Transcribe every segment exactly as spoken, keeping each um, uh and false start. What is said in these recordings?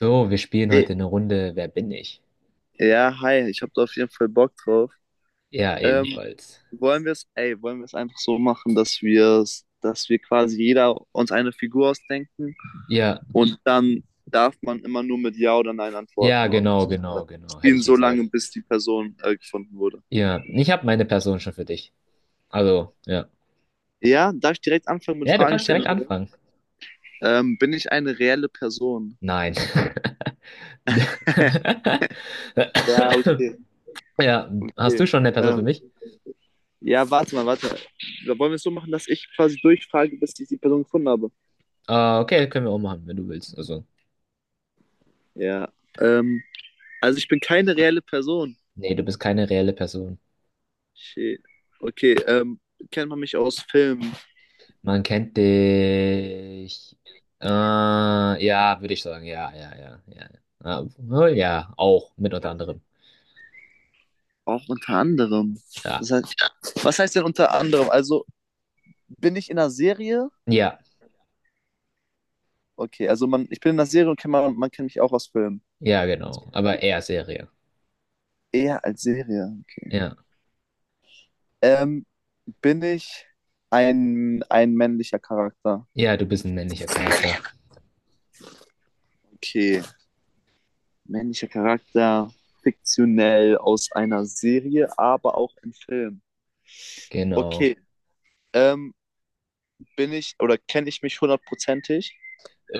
So, wir spielen heute Ey, eine Runde Wer bin ich? ja, hi, ich habe da auf jeden Fall Bock drauf. Ja, Ähm, ebenfalls. Wollen wir es, ey, wollen wir es einfach so machen, dass wir dass wir quasi jeder uns eine Figur ausdenken Ja, und dann darf man immer nur mit Ja oder Nein ja, antworten und genau, äh, genau, genau, hätte spielen ich so gesagt. lange, bis die Person äh, gefunden wurde. Ja, ich habe meine Person schon für dich. Also, ja. Ja, darf ich direkt anfangen mit Ja, du Fragen kannst direkt stellen? anfangen. Ähm, bin ich eine reelle Person? Nein. Ja, okay, Ja, hast du okay. schon eine Person für Ähm, mich? ja, warte mal, warte. Da wollen wir es so machen, dass ich quasi durchfrage, bis ich die Person gefunden habe. Ah, okay, können wir auch machen, wenn du willst. Also, Ja. Ähm, also ich bin keine reelle Person. nee, du bist keine reelle Person. Shit. Okay, ähm, kennt man mich aus Filmen? Man kennt dich. Äh, ja, würde ich sagen. Ja, ja, ja, ja. Ah, oh, ja, auch, mit unter anderem. Auch unter anderem. Ja. Das heißt, was heißt denn unter anderem? Also bin ich in einer Serie? Ja, Okay, also man, ich bin in einer Serie und kennt man, man kennt mich auch aus Filmen. ja, genau. Aber eher Serie. Eher als Serie, okay. Ja. Ähm, bin ich ein, ein männlicher Charakter? Ja, du bist ein männlicher Charakter. Okay, männlicher Charakter, fiktionell aus einer Serie, aber auch im Film. Genau. Okay, ähm, bin ich oder kenne ich mich hundertprozentig?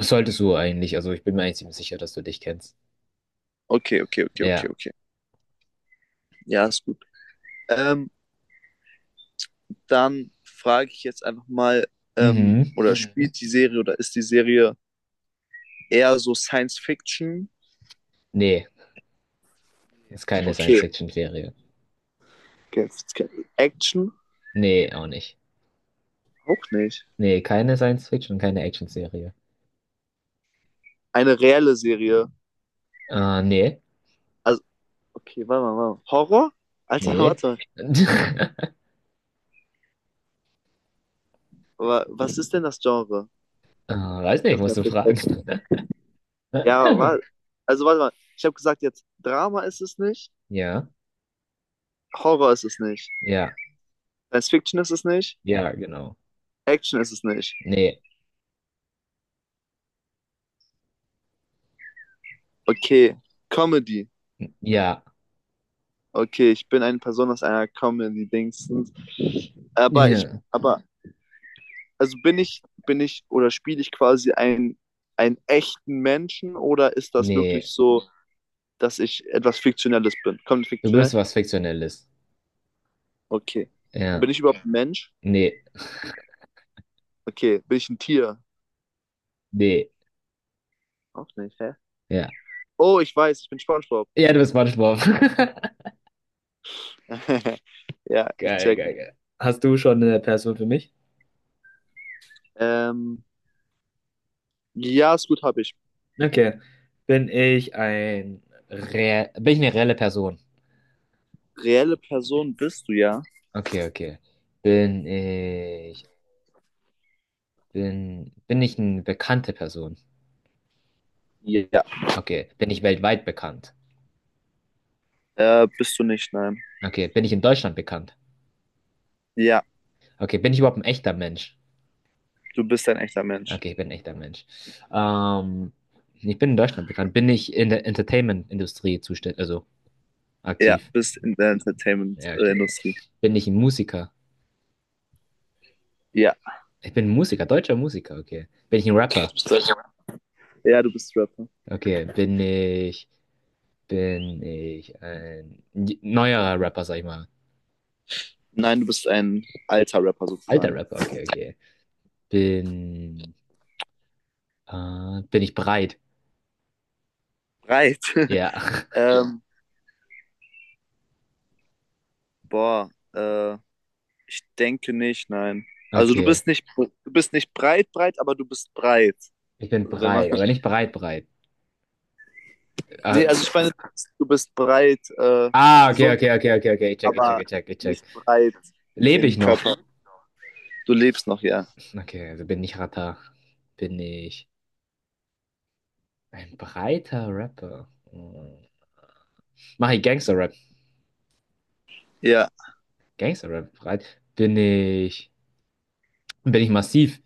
Solltest du eigentlich. Also ich bin mir eigentlich ziemlich sicher, dass du dich kennst. Okay, okay, okay, okay, Ja. okay. Ja, ist gut. Ähm, dann frage ich jetzt einfach mal, ähm, Mhm. oder Mhm. spielt die Serie oder ist die Serie eher so Science Fiction? Nee, ist keine Okay. Science-Fiction-Serie. Okay. Action? Nee, auch nicht. Auch nicht. Nee, keine Science-Fiction, keine Action-Serie. Eine reelle Serie. Äh, nee. Also, okay, warte mal, warte mal. Horror? Alter, Nee. warte mal. Wa- Was ist denn das Genre? Äh, weiß nicht, Kannst du musst mir du vielleicht fragen. helfen? Ja, warte. Also, warte mal. Ich habe gesagt, jetzt Drama ist es nicht, Ja. Horror ist es nicht, Ja. Science Fiction ist es nicht, Ja, genau. Action ist es nicht. Nee. Okay, Comedy. Ja. Okay, ich bin eine Person aus einer Comedy-Dingsens. Aber ich, Ja. aber, also bin ich, bin ich oder spiele ich quasi einen, einen echten Menschen oder ist das wirklich Nee. so, dass ich etwas Fiktionelles bin? Kommt Du fiktionell? bist was Fiktionelles. Okay. Ja. Bin ich überhaupt Ja. ein Mensch? Nee. Okay. Bin ich ein Tier? Nee, Auch nicht, hä? ja. Oh, ich weiß, ich bin SpongeBob. Ja, du bist Spongebob. Ja, ich Geil, check. geil, geil. Hast du schon eine Person für mich? Ähm, ja, ist gut, habe ich. Okay. Bin ich ein Re bin ich eine reelle Person? Reelle Person bist du, ja? Okay, okay. Bin ich bin bin ich eine bekannte Person? Ja. Okay. Bin ich weltweit bekannt? Äh, bist du nicht, nein. Okay. Bin ich in Deutschland bekannt? Ja, Okay. Bin ich überhaupt ein echter Mensch? du bist ein echter Mensch. Okay, ich bin ein echter Mensch. Ähm, ich bin in Deutschland bekannt. Bin ich in der Entertainment-Industrie zuständig, also Ja, aktiv? bist in der Ja, okay. Entertainment-Industrie. Bin ich ein Musiker? Ja. Ich bin Musiker, deutscher Musiker, okay. Bin ich ein Rapper? Bist du- Ja, du bist Rapper. Okay. Bin ich, bin ich ein j- neuerer Rapper, sag ich mal. Nein, du bist ein alter Rapper Alter sozusagen. Rapper, okay, okay. Bin, äh, bin ich breit? Breit. Ja, ähm, boah, äh, ich denke nicht, nein. Also du okay. bist nicht, du bist nicht breit, breit, aber du bist breit. Ich bin Also wenn man, breit, aber nicht breit, breit. nee, Äh, also ich meine, du bist breit, äh, ah, okay, gesund, okay, okay, okay, okay. Ich check, ich check, aber ich check, ich nicht check. breit Lebe im ich noch? Körper. Du lebst noch, ja. Okay, also bin ich Rapper. Bin ich ein breiter Rapper? Hm. Mache ich Gangster-Rap? Ja, Gangster-Rap breit? Bin ich. Und bin ich massiv?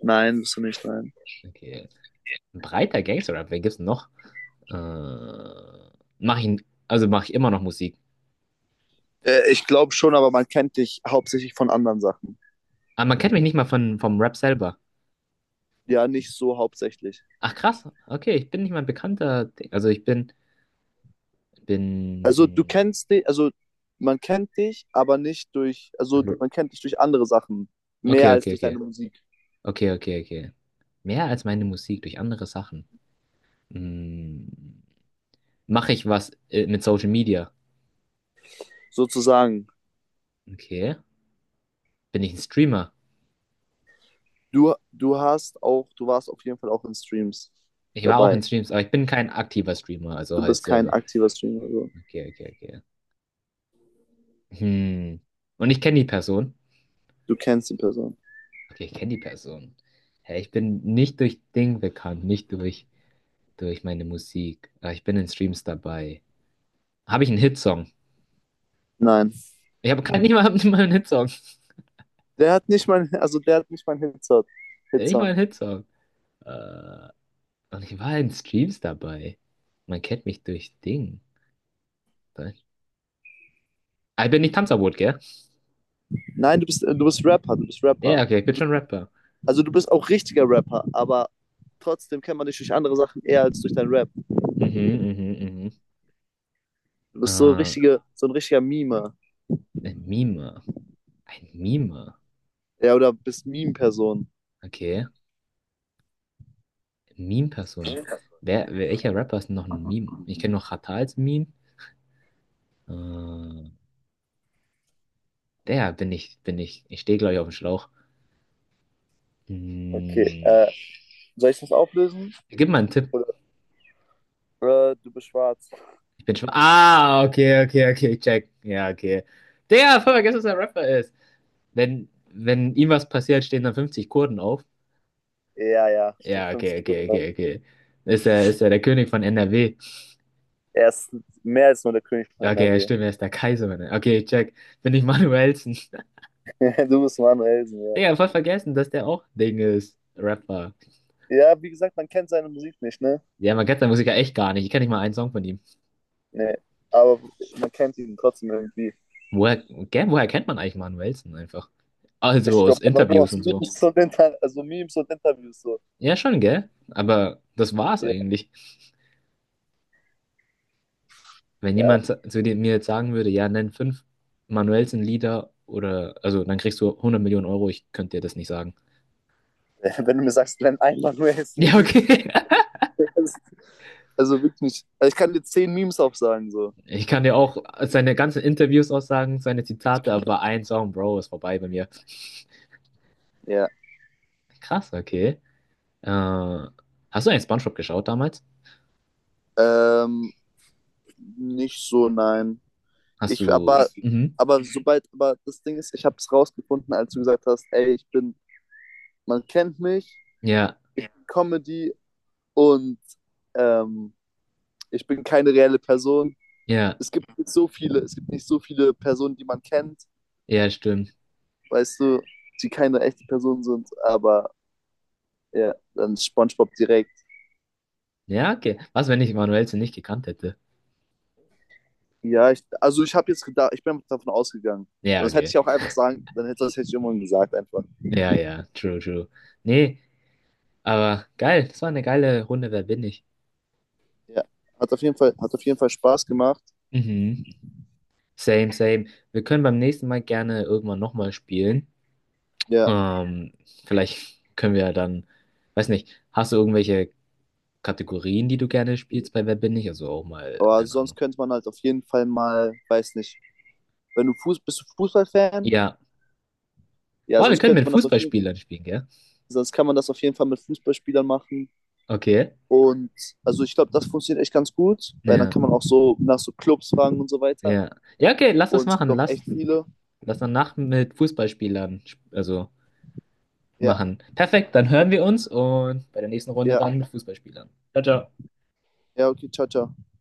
nein, bist du nicht, nein. Okay. Ein breiter Gangster-Rap, wer gibt's denn noch? Äh, mach ich, also mache ich immer noch Musik. Äh, ich glaube schon, aber man kennt dich hauptsächlich von anderen Sachen. Aber man kennt mich nicht mal von, vom Rap selber. Ja, nicht so hauptsächlich. Ach krass, okay, ich bin nicht mal ein bekannter. Ding. Also ich bin, Also du bin. kennst dich, also man kennt dich, aber nicht durch, also Hm, man kennt dich durch andere Sachen Okay, mehr als okay, durch okay. deine Musik Okay, okay, okay. Mehr als meine Musik durch andere Sachen. Hm, mache ich was äh, mit Social Media? sozusagen. Okay. Bin ich ein Streamer? Du, du hast auch, du warst auf jeden Fall auch in Streams Ich war auch in dabei. Streams, aber ich bin kein aktiver Streamer, also Du halt bist kein selber. aktiver Streamer, also Okay, okay, okay. Hm. Und ich kenne die Person. du kennst die Person. Okay, ich kenne die Person. Ja, ich bin nicht durch Ding bekannt, nicht durch, durch meine Musik. Aber ich bin in Streams dabei. Habe ich einen Hitsong? Nein, Ich habe keinen, nicht mal, nicht mal einen Hitsong. der hat nicht mein, also der hat nicht mein Hitsong. Nicht mal Hitsong. einen Hitsong. Äh, und ich war in Streams dabei. Man kennt mich durch Ding. Was? Ah, ich bin nicht Tanzverbot, gell? Nein, du bist, du bist Rapper, du bist Ja, Rapper. okay, ich bin Du bist, schon Rapper. also du bist auch richtiger Rapper, aber trotzdem kennt man dich durch andere Sachen eher als durch deinen Rap. Mhm, mhm, mhm. Du bist so Äh, richtige, so ein richtiger Meme. ein Meme. Ein Meme. Ja, oder bist Meme-Person. Okay. Meme-Person. Wer, welcher Rapper ist denn noch ein Meme? Ich kenne noch Xatar als Meme. Äh, der bin ich, bin ich. Ich stehe, glaube ich, auf dem Schlauch. Okay, Hm, äh, soll ich das auflösen? gib mal einen Tipp. Oder, oder du bist schwarz. Ich bin schon. Ah, okay, okay, okay, check. Ja, okay. Der, voll vergessen, dass er Rapper ist. Wenn, wenn ihm was passiert, stehen dann fünfzig Kurden auf. Ja, ja, stimmt. Ja, Fünf okay, okay, Kilo. okay, okay. Ist er, ist er der König von N R W? Er ist mehr als nur der König von Okay, ja, N R W. stimmt, er ist der Kaiser. Mann. Okay, check. Bin ich Manuelsen. Du bist Manuel Elsen, ja. Digga, voll vergessen, dass der auch Ding ist. Rapper. Ja, wie gesagt, man kennt seine Musik nicht, ne? Ja, man kennt seinen Musiker echt gar nicht. Ich kenne nicht mal einen Song von ihm. Nee. Aber man kennt ihn trotzdem irgendwie. Woher, gell, woher kennt man eigentlich Manuel Wilson einfach? Also Ich aus glaube einfach nur Interviews aus und so. Memes und, Inter also Memes und Interviews so. Ja, schon, gell? Aber das war's Ja, eigentlich. Wenn ja. jemand zu zu dir- mir jetzt sagen würde, ja, nenn fünf Manuelsen-Lieder oder, also dann kriegst du hundert Millionen Euro, ich könnte dir das nicht sagen. Wenn du mir sagst, Glenn Einmann, du ist Ja, okay. Also wirklich. Nicht. Also ich kann dir zehn Memes aufsagen, so. Ich kann dir auch seine ganzen Interviews aussagen, seine Zitate, aber ein Song, Bro, ist vorbei bei mir. Ja, Krass, okay. Äh, hast du eigentlich SpongeBob geschaut damals? ähm, nicht so, nein. Hast Ich, aber, du, hast du? mhm. Aber Mhm. sobald, aber das Ding ist, ich habe es rausgefunden, als du gesagt hast, ey, ich bin, man kennt mich, Ja. ich bin Comedy und ähm, ich bin keine reelle Person. Ja, Es gibt nicht so viele, es gibt nicht so viele Personen, die man kennt, Ja, stimmt. weißt du, die keine echte Person sind, aber ja, dann SpongeBob direkt. Ja, okay. Was, wenn ich Manuelsen nicht gekannt hätte? Ja, ich, also ich habe jetzt gedacht, ich bin davon ausgegangen. Ja, Das hätte okay. ich auch einfach sagen, dann hätte, das hätte ich irgendwann gesagt einfach. Ja, ja, true, true. Nee, aber geil. Das war eine geile Runde. Wer bin ich? Ja, hat auf jeden Fall, hat auf jeden Fall Spaß gemacht. Mhm. Same, same. Wir können beim nächsten Mal gerne irgendwann nochmal spielen. Ja, Ähm, vielleicht können wir dann, weiß nicht, hast du irgendwelche Kategorien, die du gerne spielst bei Wer bin ich? Also auch mal, aber keine sonst Ahnung. könnte man halt auf jeden Fall mal, weiß nicht, wenn du Fuß, bist du Fußballfan? Ja. Ja, Boah, wir sonst können könnte mit man das auf jeden, Fußballspielern spielen, gell? sonst kann man das auf jeden Fall mit Fußballspielern machen. Okay. Und also ich glaube, das funktioniert echt ganz gut, weil dann Ja, kann man auch so nach so Clubs fragen und so weiter. ja. Ja, okay, lass das Und es gibt machen. auch Lass. echt viele. Das danach mit Fußballspielern sp- also Ja, machen. Perfekt, dann hören wir uns und bei der nächsten Runde ja, dann mit Fußballspielern. Ciao, ciao. ja, okay, ciao, ciao.